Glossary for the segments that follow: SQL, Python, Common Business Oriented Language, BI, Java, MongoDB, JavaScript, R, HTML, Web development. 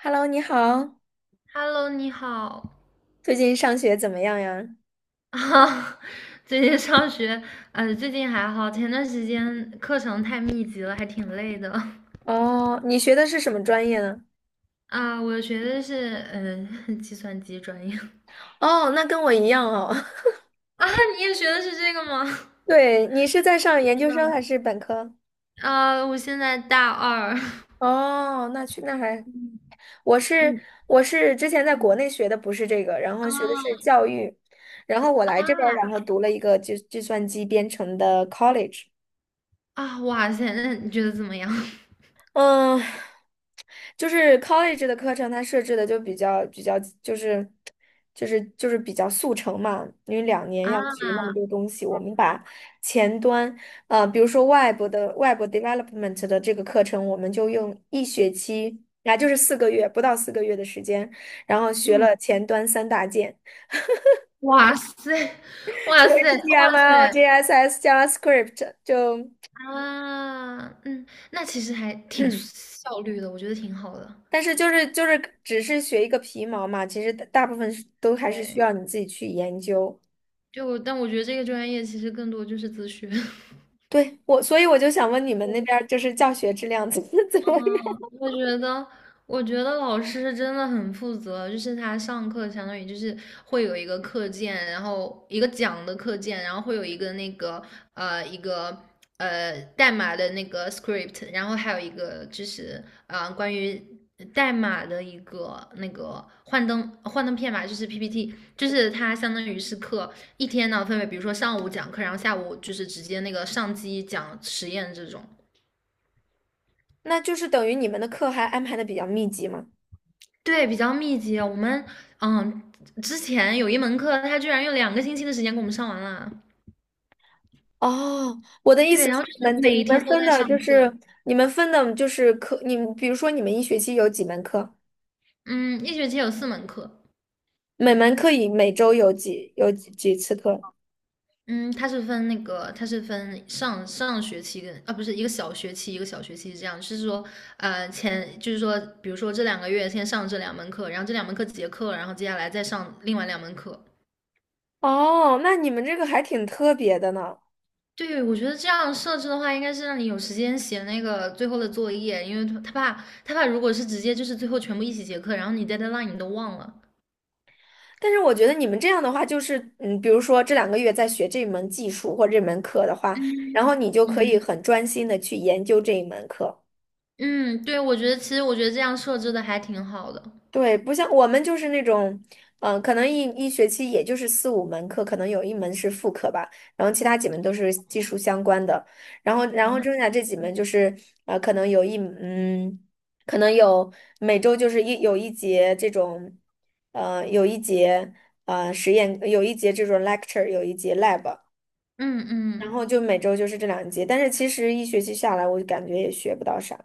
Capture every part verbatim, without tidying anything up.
Hello，你好，Hello，你好。最近上学怎么样呀？啊，最近上学，呃，最近还好，前段时间课程太密集了，还挺累的。哦，你学的是什么专业呢？啊，我学的是嗯、呃 计算机专业。哦，那跟我一样哦。啊，你也学的是这个吗？对，你是在上天研究呐，生还是本科？啊，我现在大二。哦，那去那还，嗯我是嗯我是之前在国内学的不是这个，然后学的是啊教育，然后我来这边儿，啊然后读了一个计计算机编程的 college。啊！哇塞，那你觉得怎么样？嗯，就是 college 的课程，它设置的就比较比较，就是就是就是比较速成嘛，因为两年啊，要学那么多东西，我们把前端，呃，比如说 Web 的 Web development 的这个课程，我们就用一学期，啊，就是四个月，不到四个月的时间，然后学嗯，了前端三大件，哇塞，哇就 塞，哇 H T M L、塞！J S S、JavaScript，就啊，嗯，那其实还挺效率的，我觉得挺好的。但是就是就是只是学一个皮毛嘛，其实大大部分是都还是需对，要你自己去研究。就但我觉得这个专业其实更多就是自学。对，我，所以我就想问你们那边儿就是教学质量怎么 怎么嗯，样？我觉得，我觉得老师真的很负责，就是他上课相当于就是会有一个课件，然后一个讲的课件，然后会有一个那个呃一个呃代码的那个 script，然后还有一个就是呃关于代码的一个那个幻灯幻灯片吧，就是 P P T，就是他相当于是课一天呢分为，比如说上午讲课，然后下午就是直接那个上机讲实验这种。那就是等于你们的课还安排的比较密集吗？对，比较密集。我们嗯，之前有一门课，他居然用两个星期的时间给我们上完了。哦，我的意思对，然是，后就你是们就每你们天都分在的上就课。是你们分的就是课，你们比如说你们一学期有几门课，嗯，一学期有四门课。每门课以每周有几有几几次课？嗯，它是分那个，它是分上上学期跟啊，不是一个小学期一个小学期是这样，就是说，呃，前就是说，比如说这两个月先上这两门课，然后这两门课结课，然后接下来再上另外两门课。哦，那你们这个还挺特别的呢。对，我觉得这样设置的话，应该是让你有时间写那个最后的作业，因为他他怕他怕如果是直接就是最后全部一起结课，然后你 deadline 你都忘了。但是我觉得你们这样的话，就是嗯，比如说这两个月在学这门技术或这门课的话，然后你就可以嗯很专心的去研究这一门课。嗯，对，我觉得其实我觉得这样设置的还挺好的。对，不像我们就是那种，嗯、可能一一学期也就是四五门课，可能有一门是副课吧，然后其他几门都是技术相关的，然后然后啊，剩下这几门就是，呃，可能有一嗯，可能有每周就是一有一节这种，呃，有一节呃实验，有一节这种 lecture，有一节 lab，嗯然嗯。后就每周就是这两节，但是其实一学期下来，我就感觉也学不到啥。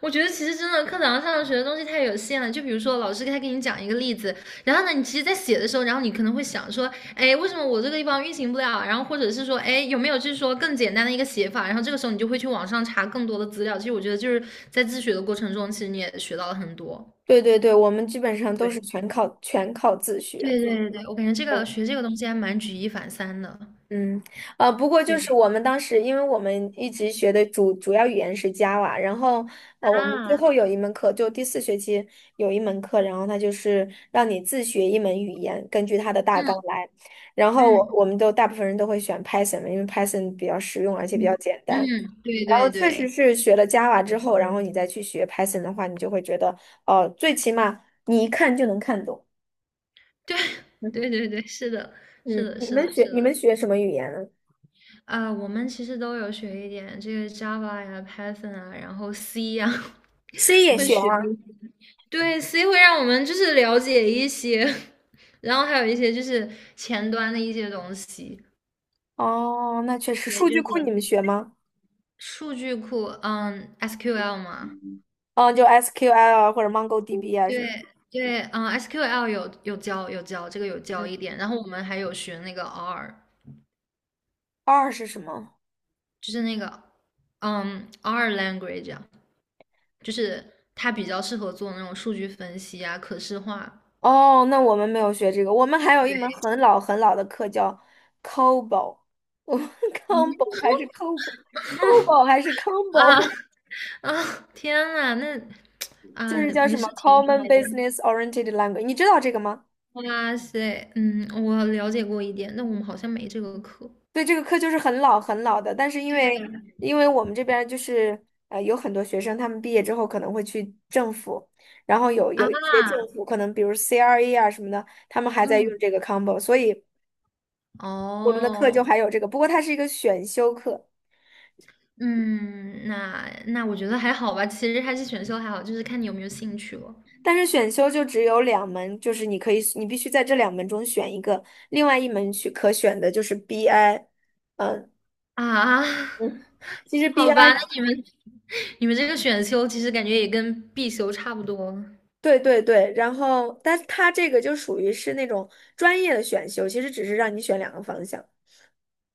我觉得其实真的课堂上学的东西太有限了，就比如说老师他给你讲一个例子，然后呢，你其实，在写的时候，然后你可能会想说，哎，为什么我这个地方运行不了？然后或者是说，哎，有没有就是说更简单的一个写法？然后这个时候你就会去网上查更多的资料。其实我觉得就是在自学的过程中，其实你也学到了很多。对对对，我们基本上都是对全靠全靠自学。对对对对，我感觉这个嗯。学这个东西还蛮举一反三的嗯，呃，不过就是我对，们当时，因为我们一直学的主主要语言是 Java，然后呃，我们最啊，后有一门课，就第四学期有一门课，然后它就是让你自学一门语言，根据它的大嗯纲来。然后我嗯我们都大部分人都会选 Python 嘛因为 Python 比较实用，而且比嗯较简单。嗯，对然后对确实对是学了 Java 之后，然后你再去学 Python 的话，你就会觉得，哦、最起码你一看就能看懂。对 嗯对对对，是的，是嗯，的，你是们的，学是你的。们学什么语言呢啊，我们其实都有学一点这个 Java 呀、Python 啊，然后 C 呀，？C 也会学学一啊。些。对，C 会让我们就是了解一些，然后还有一些就是前端的一些东西。哦，那确实，对，数就据是库你们学吗？数据库，嗯，S Q L 嘛。嗯，就 S Q L 啊，或者 MongoDB 啊什么。对对，嗯，S Q L 有有教有教这个有教嗯一点，然后我们还有学那个 R，，R 是什么？就是那个嗯 R language 啊，就是它比较适合做那种数据分析啊、可视化。哦，那我们没有学这个，我们还有对，一门很老很老的课叫 COBOL，我们 COBOL 还是 COBOL，COBOL 还是 啊 COBOL，啊！天呐，那就啊，是叫没什么 事，挺好 Common 的。Business Oriented Language，你知道这个吗？哇塞，嗯，我了解过一点，那我们好像没这个课。对，这个课就是很老很老的，但是因为对，因为我们这边儿就是呃有很多学生，他们毕业之后可能会去政府，然后有啊，有一些政府可能比如 C R E 啊什么的，他们还在用嗯，这个 combo，所以我们的课就哦，还有这个，不过它是一个选修课，嗯，那那我觉得还好吧，其实还是选修还好，就是看你有没有兴趣了。但是选修就只有两门，就是你可以你必须在这两门中选一个，另外一门去可选的就是 B I，嗯啊，嗯，其实 好 B I。吧，那你们 你们这个选修其实感觉也跟必修差不多对对对，然后，但它这个就属于是那种专业的选修，其实只是让你选两个方向。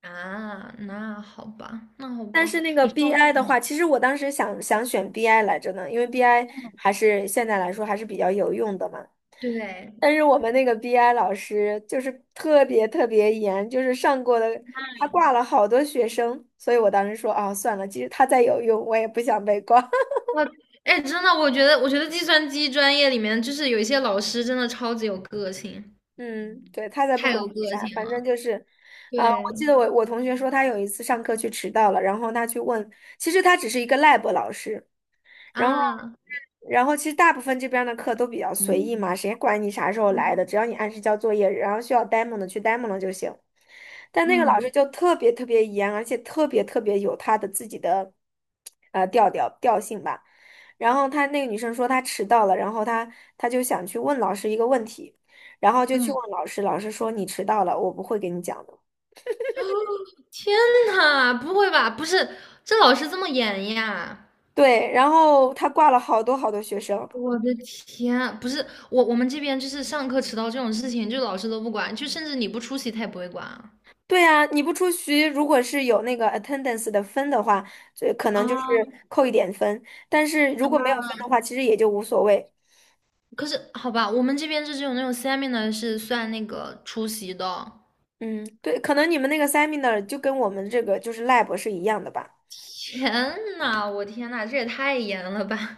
啊。那好吧，那好但吧，是那个 你上 B I 的话，其实我当时想想选 B I 来着呢，因为 BI 还是现在来说还是比较有用的嘛。对但是我们那个 B I 老师就是特别特别严，就是上过的，他挂了好多学生，所以我当时说啊，算了，其实他再有用，我也不想被挂。我哎，真的，我觉得，我觉得计算机专业里面，就是有一些老师真的超级有个性，嗯，对，他才不太管有你个啥，性反正了。就是，啊、对我记得我我同学说他有一次上课去迟到了，然后他去问，其实他只是一个 lab 老师，然后，啊，然后其实大部分这边儿的课都比较随意嘛，谁管你啥时候来的，只要你按时交作业，然后需要 demo 的去 demo 了就行。但那个老师嗯就特别特别严，而且特别特别有他的自己的呃调调调性吧。然后他那个女生说她迟到了，然后她她就想去问老师一个问题，然后就去嗯，问老师，老师说你迟到了，我不会给你讲的。哦，天呐，不会吧？不是，这老师这么严呀？对，然后他挂了好多好多学生，我的天啊，不是我，我们这边就是上课迟到这种事情，就老师都不管，就甚至你不出席他也不会管啊。对啊，你不出席，如果是有那个 attendance 的分的话，就可能就是啊扣一点分，但是如果没有啊！分的话，其实也就无所谓。可是好吧，我们这边是只有那种 seminar 是算那个出席的。嗯，对，可能你们那个 seminar 就跟我们这个就是 lab 是一样的吧？天呐，我天呐，这也太严了吧？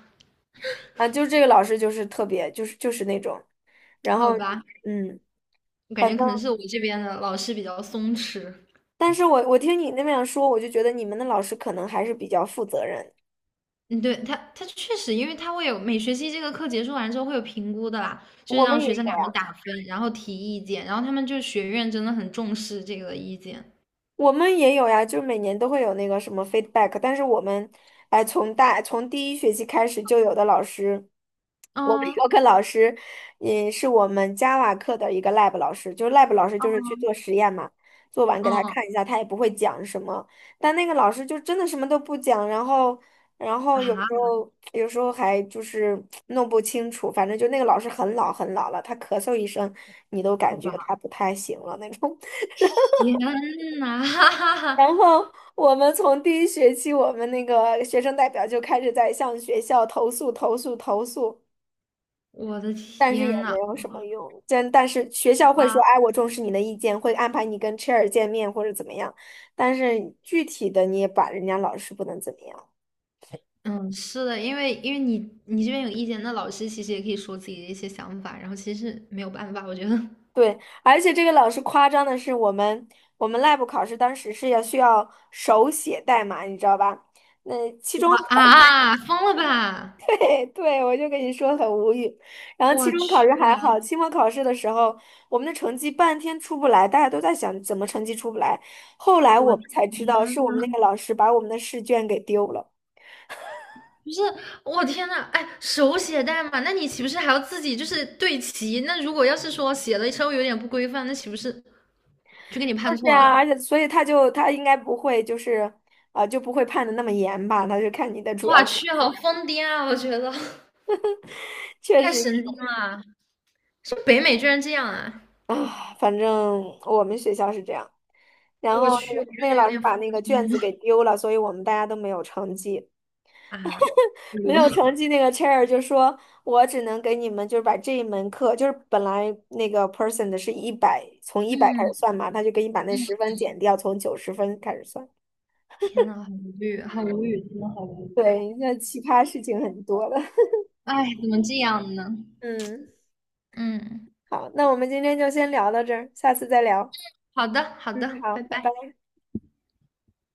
啊，就是这个老师就是特别，就是就是那种，然好后吧，嗯，我感反觉可正，能是我这边的老师比较松弛。但是我我听你那么样说，我就觉得你们的老师可能还是比较负责任，嗯，对，他，他确实，因为他会有每学期这个课结束完之后会有评估的啦，就是我们让也学生给有他们呀。打分，然后提意见，然后他们就学院真的很重视这个意见。我们也有呀，就是每年都会有那个什么 feedback，但是我们，哎，从大从第一学期开始就有的老师，我们嗯有个老师，也是我们 Java 课的一个 lab 老师，就是 lab 老师就是去做实验嘛，做完给他嗯看一下，他也不会讲什么，但那个老师就真的什么都不讲，然后然啊，后有时候有时候还就是弄不清楚，反正就那个老师很老很老了，他咳嗽一声，你都感好觉吧，他不太行了那种。天呐，哈哈然哈，后我们从第一学期，我们那个学生代表就开始在向学校投诉、投诉、投诉，我的但是也天没呐，有什么用。但但是学校好会说，吧。哎，我重视你的意见，会安排你跟 chair 见面或者怎么样。但是具体的你也把人家老师不能怎么样。嗯，是的，因为因为你你这边有意见，那老师其实也可以说自己的一些想法，然后其实是没有办法，我觉得对，而且这个老师夸张的是，我们我们 lab 考试当时是要需要手写代码，你知道吧？那期中考。啊，疯了吧！对，对我就跟你说很无语。然后期我中考去，试还好，期末考试的时候，我们的成绩半天出不来，大家都在想怎么成绩出不来。后来我我天，们才知道，是我们那个老师把我们的试卷给丢了。不是，我天呐，哎，手写代码，那你岂不是还要自己就是对齐？那如果要是说写的稍微有点不规范，那岂不是就给你判就是错了？啊，而且所以他就他应该不会就是，啊、就不会判的那么严吧？他就看你的主要我功，去，好疯癫啊！我觉得确太实是神经了，是北美居然这样啊！啊，反正我们学校是这样。然我后那去，个我觉那个得有老师点把发疯那个卷子给丢了，所以我们大家都没有成绩。啊！没有 哎呦，成绩那个 chair 就说，我只能给你们就是把这一门课，就是本来那个 person 的是一百，从一百开始嗯。算嘛，他就给你把那十分减掉，从九十分开始算。天呐，好无语，好无语，真的好无语。对，那奇葩事情很多的。哎，怎么这样呢？嗯，嗯，好，那我们今天就先聊到这儿，下次再聊。好的，好嗯，的，好，拜拜拜。拜。